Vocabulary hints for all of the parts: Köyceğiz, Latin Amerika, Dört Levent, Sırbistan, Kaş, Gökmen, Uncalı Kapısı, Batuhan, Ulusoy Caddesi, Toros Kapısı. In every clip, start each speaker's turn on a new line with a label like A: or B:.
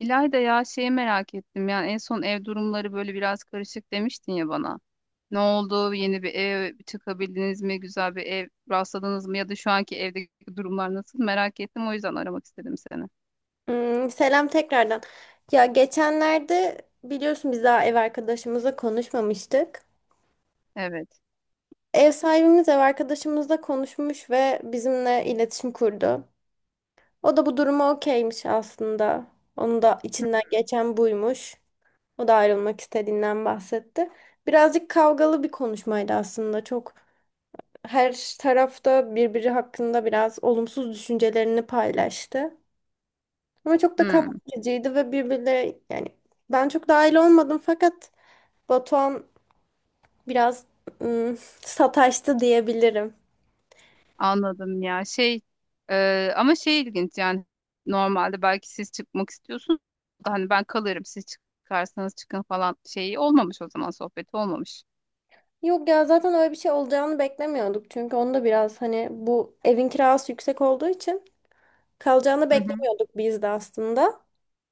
A: İlayda, ya şeyi merak ettim yani en son ev durumları böyle biraz karışık demiştin ya bana. Ne oldu? Yeni bir ev çıkabildiniz mi? Güzel bir ev rastladınız mı? Ya da şu anki evdeki durumlar nasıl? Merak ettim, o yüzden aramak istedim seni.
B: Hmm, selam tekrardan. Ya geçenlerde biliyorsun biz daha ev arkadaşımızla konuşmamıştık.
A: Evet.
B: Ev sahibimiz ev arkadaşımızla konuşmuş ve bizimle iletişim kurdu. O da bu duruma okeymiş aslında. Onun da içinden geçen buymuş. O da ayrılmak istediğinden bahsetti. Birazcık kavgalı bir konuşmaydı aslında. Çok her tarafta birbiri hakkında biraz olumsuz düşüncelerini paylaştı. Ama çok da
A: Hmm,
B: kavgacıydı ve birbirleri yani ben çok dahil olmadım fakat Batuhan biraz sataştı diyebilirim.
A: anladım. Ya şey, ama şey ilginç yani, normalde belki siz çıkmak istiyorsunuz da hani ben kalırım, siz çıkarsanız çıkın falan şeyi olmamış o zaman, sohbeti olmamış.
B: Yok ya zaten öyle bir şey olacağını beklemiyorduk. Çünkü onu da biraz hani bu evin kirası yüksek olduğu için kalacağını
A: Hı hı.
B: beklemiyorduk biz de aslında.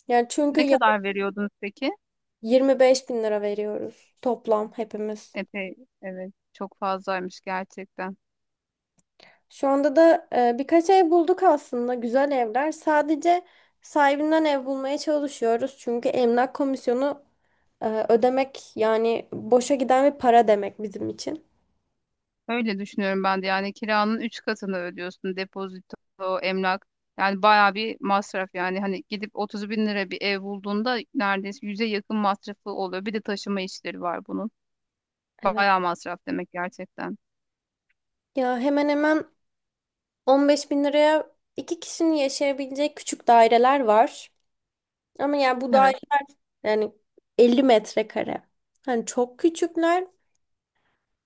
B: Yani çünkü
A: Ne kadar veriyordunuz peki?
B: 25 bin lira veriyoruz toplam hepimiz.
A: Epey. Evet, çok fazlaymış gerçekten.
B: Şu anda da birkaç ev bulduk aslında güzel evler. Sadece sahibinden ev bulmaya çalışıyoruz. Çünkü emlak komisyonu ödemek yani boşa giden bir para demek bizim için.
A: Öyle düşünüyorum ben de yani, kiranın 3 katını ödüyorsun, depozito, emlak. Yani bayağı bir masraf yani, hani gidip 30 bin lira bir ev bulduğunda neredeyse yüze yakın masrafı oluyor. Bir de taşıma işleri var bunun.
B: Evet.
A: Bayağı masraf demek gerçekten.
B: Ya hemen hemen 15 bin liraya iki kişinin yaşayabileceği küçük daireler var. Ama yani bu
A: Evet.
B: daire yani 50 metrekare. Hani çok küçükler.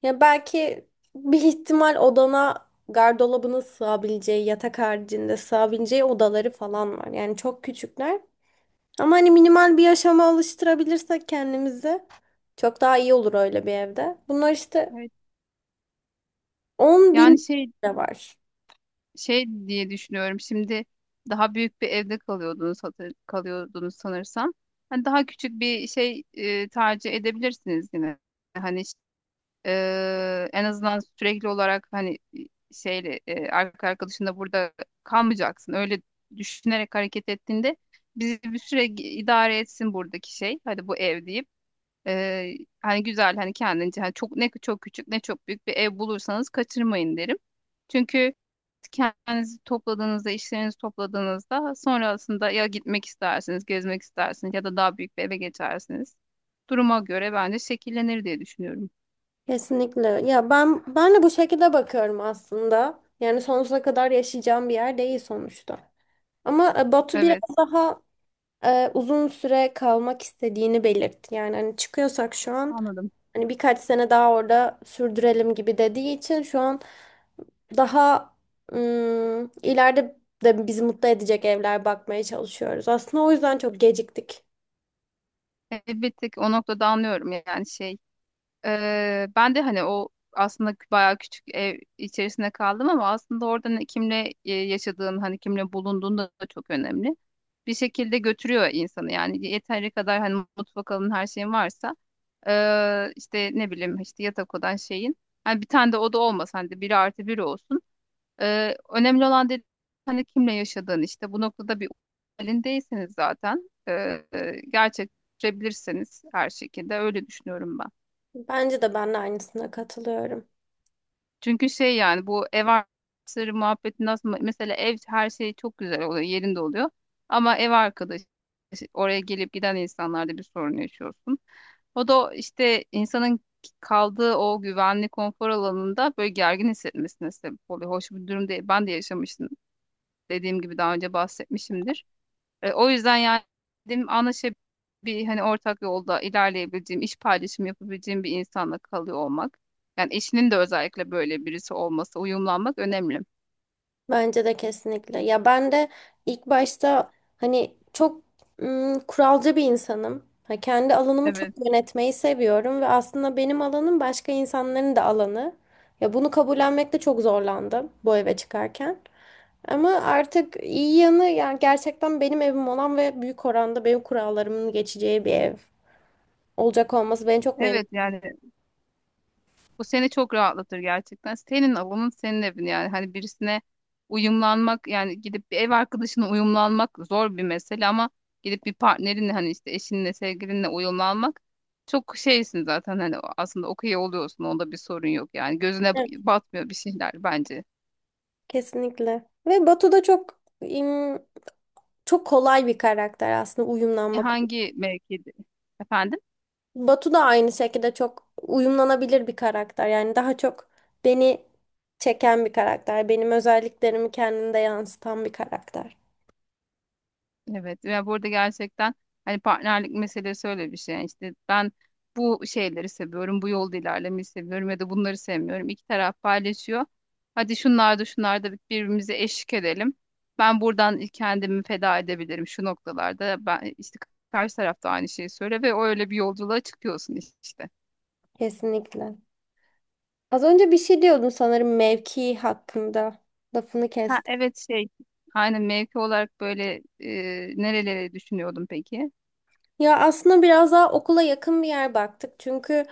B: Ya belki bir ihtimal odana gardırobunu sığabileceği, yatak haricinde sığabileceği odaları falan var. Yani çok küçükler. Ama hani minimal bir yaşama alıştırabilirsek kendimizi çok daha iyi olur öyle bir evde. Bunlar işte
A: Evet.
B: 10
A: Yani
B: bin
A: şey
B: lira var.
A: şey diye düşünüyorum. Şimdi daha büyük bir evde kalıyordunuz, kalıyordunuz sanırsam. Hani daha küçük bir şey tercih edebilirsiniz yine. Hani en azından sürekli olarak hani şeyle arkadaşında burada kalmayacaksın. Öyle düşünerek hareket ettiğinde bizi bir süre idare etsin buradaki şey. Hadi bu ev deyip hani güzel, hani kendince, hani çok, ne çok küçük ne çok büyük bir ev bulursanız kaçırmayın derim. Çünkü kendinizi topladığınızda, işlerinizi topladığınızda sonrasında ya gitmek istersiniz, gezmek istersiniz ya da daha büyük bir eve geçersiniz. Duruma göre bence şekillenir diye düşünüyorum.
B: Kesinlikle. Ya ben de bu şekilde bakıyorum aslında. Yani sonsuza kadar yaşayacağım bir yer değil sonuçta. Ama Batu biraz
A: Evet.
B: daha uzun süre kalmak istediğini belirtti. Yani hani çıkıyorsak şu an
A: Anladım.
B: hani birkaç sene daha orada sürdürelim gibi dediği için şu an daha ileride de bizi mutlu edecek evler bakmaya çalışıyoruz. Aslında o yüzden çok geciktik.
A: Bir tık o noktada anlıyorum yani şey. Ben de hani o aslında bayağı küçük ev içerisinde kaldım, ama aslında orada kimle yaşadığın, hani kimle bulunduğun da çok önemli. Bir şekilde götürüyor insanı yani, yeteri kadar hani mutfak alın her şeyin varsa işte ne bileyim, işte yatak odan şeyin. Hani bir tane de oda olmasa hani, de biri artı biri olsun. Önemli olan dedi hani kimle yaşadığın, işte bu noktada bir halindeyseniz zaten gerçekleştirebilirseniz her şekilde, öyle düşünüyorum ben.
B: Bence de ben de aynısına katılıyorum.
A: Çünkü şey yani, bu ev arkadaşları muhabbeti nasıl, mesela ev her şey çok güzel oluyor, yerinde oluyor ama ev arkadaşı işte, oraya gelip giden insanlarda bir sorun yaşıyorsun. O da işte insanın kaldığı o güvenli konfor alanında böyle gergin hissetmesine sebep oluyor. Hoş bir durum değil. Ben de yaşamıştım. Dediğim gibi daha önce bahsetmişimdir. E, o yüzden yani dedim, anlaşabildiğim bir, hani ortak yolda ilerleyebileceğim, iş paylaşımı yapabileceğim bir insanla kalıyor olmak. Yani eşinin de özellikle böyle birisi olması, uyumlanmak önemli.
B: Bence de kesinlikle. Ya ben de ilk başta hani çok kuralcı bir insanım. Ha, kendi alanımı çok
A: Evet.
B: yönetmeyi seviyorum ve aslında benim alanım başka insanların da alanı. Ya bunu kabullenmekte çok zorlandım bu eve çıkarken. Ama artık iyi yanı yani gerçekten benim evim olan ve büyük oranda benim kurallarımın geçeceği bir ev olacak olması beni çok
A: Evet
B: memnun.
A: yani, bu seni çok rahatlatır gerçekten. Senin alanın, senin evin yani. Hani birisine uyumlanmak yani, gidip bir ev arkadaşına uyumlanmak zor bir mesele, ama gidip bir partnerinle, hani işte eşinle, sevgilinle uyumlanmak çok şeysin zaten, hani aslında okey oluyorsun. Onda bir sorun yok yani. Gözüne
B: Evet,
A: batmıyor bir şeyler bence.
B: kesinlikle. Ve Batu da çok çok kolay bir karakter aslında uyumlanmak.
A: Hangi mevkide? Efendim?
B: Batu da aynı şekilde çok uyumlanabilir bir karakter. Yani daha çok beni çeken bir karakter. Benim özelliklerimi kendinde yansıtan bir karakter.
A: Evet, ve burada gerçekten hani partnerlik meselesi öyle bir şey. Yani işte ben bu şeyleri seviyorum, bu yolda ilerlemeyi seviyorum, ya da bunları sevmiyorum. İki taraf paylaşıyor. Hadi şunlarda şunlarda şunlar da birbirimize eşlik edelim. Ben buradan kendimi feda edebilirim şu noktalarda. Ben işte karşı taraf da aynı şeyi söyle ve öyle bir yolculuğa çıkıyorsun işte.
B: Kesinlikle. Az önce bir şey diyordum sanırım mevki hakkında. Lafını
A: Ha
B: kestim.
A: evet, şey. Aynen mevki olarak böyle nerelere düşünüyordum peki?
B: Ya aslında biraz daha okula yakın bir yer baktık. Çünkü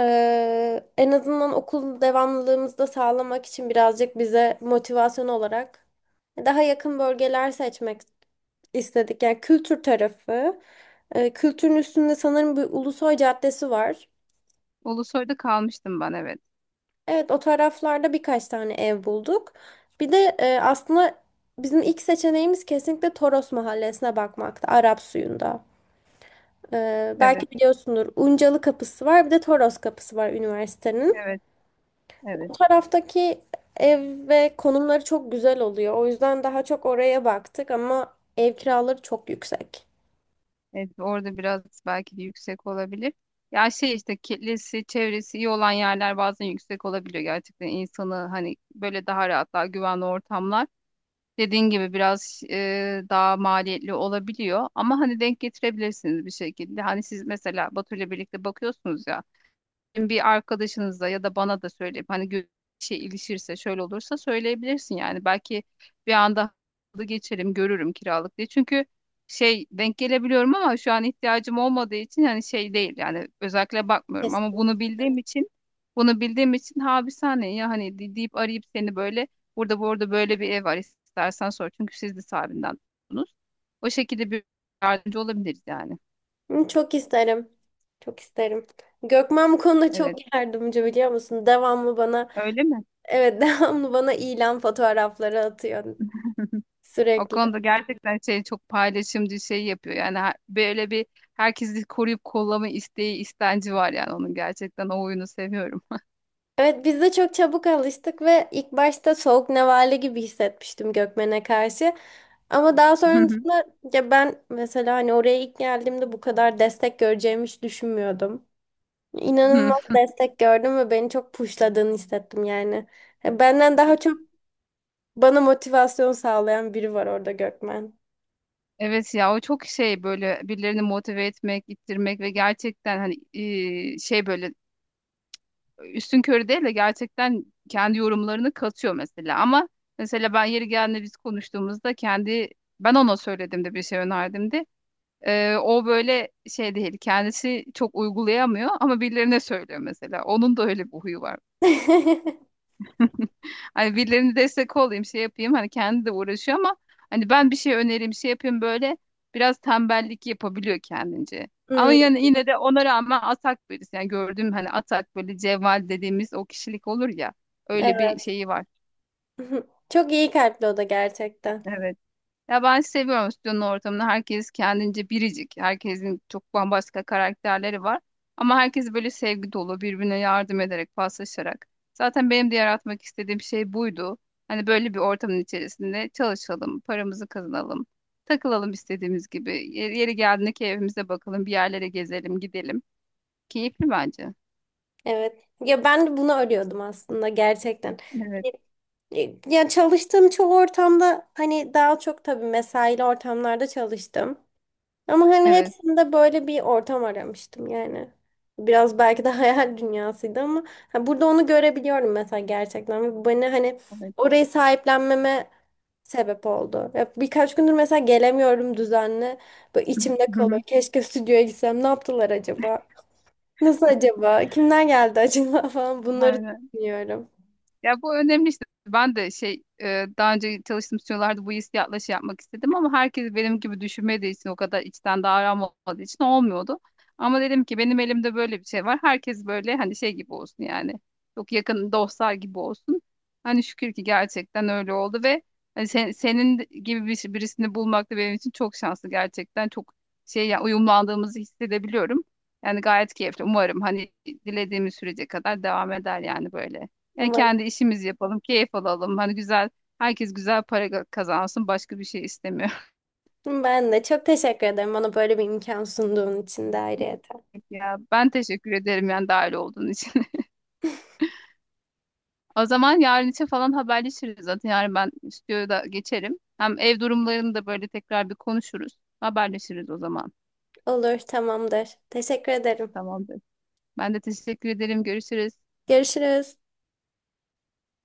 B: en azından okul devamlılığımızı da sağlamak için birazcık bize motivasyon olarak daha yakın bölgeler seçmek istedik. Yani kültür tarafı. Kültürün üstünde sanırım bir Ulusoy Caddesi var.
A: Ulusoy'da kalmıştım ben, evet.
B: Evet, o taraflarda birkaç tane ev bulduk. Bir de aslında bizim ilk seçeneğimiz kesinlikle Toros Mahallesi'ne bakmaktı. Arap suyunda.
A: Evet,
B: Belki biliyorsundur. Uncalı Kapısı var, bir de Toros Kapısı var üniversitenin.
A: evet,
B: O
A: evet.
B: taraftaki ev ve konumları çok güzel oluyor. O yüzden daha çok oraya baktık ama ev kiraları çok yüksek.
A: Evet, orada biraz belki de yüksek olabilir. Ya şey, işte kitlesi, çevresi iyi olan yerler bazen yüksek olabiliyor gerçekten. İnsanı hani böyle daha rahat, daha güvenli ortamlar. Dediğin gibi biraz daha maliyetli olabiliyor. Ama hani denk getirebilirsiniz bir şekilde. Hani siz mesela Batu ile birlikte bakıyorsunuz ya, bir arkadaşınıza ya da bana da söyleyip hani şey ilişirse, şöyle olursa söyleyebilirsin yani. Belki bir anda halı geçerim, görürüm kiralık diye. Çünkü şey denk gelebiliyorum, ama şu an ihtiyacım olmadığı için hani şey değil yani, özellikle bakmıyorum, ama bunu bildiğim için ha bir saniye ya hani deyip arayıp seni böyle, burada bu arada böyle bir ev var istersen sor, çünkü siz de sahibinden tuttunuz. O şekilde bir yardımcı olabiliriz yani.
B: Kesin. Çok isterim. Çok isterim. Gökmen bu konuda
A: Evet.
B: çok yardımcı, biliyor musun? Devamlı bana,
A: Öyle mi?
B: evet devamlı bana ilan fotoğrafları atıyor
A: O
B: sürekli.
A: konuda gerçekten şey çok paylaşımcı, şey yapıyor. Yani böyle bir herkesi koruyup kollama isteği, istenci var yani onun, gerçekten o oyunu seviyorum.
B: Evet, biz de çok çabuk alıştık ve ilk başta soğuk nevale gibi hissetmiştim Gökmen'e karşı. Ama daha sonrasında ya ben mesela hani oraya ilk geldiğimde bu kadar destek göreceğimi hiç düşünmüyordum. İnanılmaz destek gördüm ve beni çok pushladığını hissettim yani. Ya benden daha çok bana motivasyon sağlayan biri var orada, Gökmen.
A: Evet, ya o çok şey, böyle birilerini motive etmek, ittirmek ve gerçekten hani şey böyle üstün körü değil de gerçekten kendi yorumlarını katıyor mesela. Ama mesela ben yeri geldiğinde biz konuştuğumuzda kendi, ben ona söyledim de bir şey önerdim. O böyle şey değil, kendisi çok uygulayamıyor ama birilerine söylüyor mesela. Onun da öyle bir huyu var. Hani birilerine destek olayım, şey yapayım, hani kendi de uğraşıyor, ama hani ben bir şey önereyim, şey yapayım, böyle biraz tembellik yapabiliyor kendince. Ama
B: Hmm,
A: yani yine de ona rağmen atak birisi. Yani gördüğüm hani atak, böyle cevval dediğimiz o kişilik olur ya, öyle bir
B: evet.
A: şeyi var.
B: Çok iyi kalpli o da gerçekten.
A: Evet. Ya ben seviyorum stüdyonun ortamını. Herkes kendince biricik. Herkesin çok bambaşka karakterleri var. Ama herkes böyle sevgi dolu, birbirine yardım ederek, paslaşarak. Zaten benim de yaratmak istediğim şey buydu. Hani böyle bir ortamın içerisinde çalışalım, paramızı kazanalım, takılalım istediğimiz gibi. Yeri geldiğinde keyfimize bakalım, bir yerlere gezelim, gidelim. Keyifli bence.
B: Evet. Ya ben de bunu arıyordum aslında gerçekten.
A: Evet,
B: Hani ya çalıştığım çoğu ortamda hani daha çok tabii mesaili ortamlarda çalıştım. Ama hani
A: evet,
B: hepsinde böyle bir ortam aramıştım yani. Biraz belki de hayal dünyasıydı ama ha, burada onu görebiliyorum mesela gerçekten. Ve bu beni hani
A: evet.
B: orayı sahiplenmeme sebep oldu. Ya birkaç gündür mesela gelemiyorum düzenli. Böyle içimde kalıyor. Keşke stüdyoya gitsem. Ne yaptılar acaba? Nasıl acaba? Kimler geldi acaba falan, bunları
A: Aynen.
B: düşünüyorum.
A: Ya bu önemli işte. Ben de şey daha önce çalıştığım stüdyolarda bu hissiyatla şey yapmak istedim, ama herkes benim gibi düşünmediği için, o kadar içten davranmadığı olmadığı için olmuyordu. Ama dedim ki benim elimde böyle bir şey var. Herkes böyle hani şey gibi olsun yani. Çok yakın dostlar gibi olsun. Hani şükür ki gerçekten öyle oldu ve hani senin gibi bir, şey, birisini bulmak da benim için çok şanslı gerçekten. Çok şey ya, uyumlandığımızı hissedebiliyorum. Yani gayet keyifli. Umarım hani dilediğimiz sürece kadar devam eder yani böyle. Ya
B: Umarım.
A: kendi işimizi yapalım, keyif alalım. Hani güzel, herkes güzel para kazansın. Başka bir şey istemiyor.
B: Ben de çok teşekkür ederim bana böyle bir imkan sunduğun için de ayrıyeten.
A: Ya ben teşekkür ederim yani dahil olduğun için. O zaman yarın için falan haberleşiriz zaten. Yarın ben stüdyoya da geçerim. Hem ev durumlarını da böyle tekrar bir konuşuruz. Haberleşiriz o zaman.
B: Olur, tamamdır. Teşekkür ederim.
A: Tamamdır. Ben de teşekkür ederim. Görüşürüz.
B: Görüşürüz.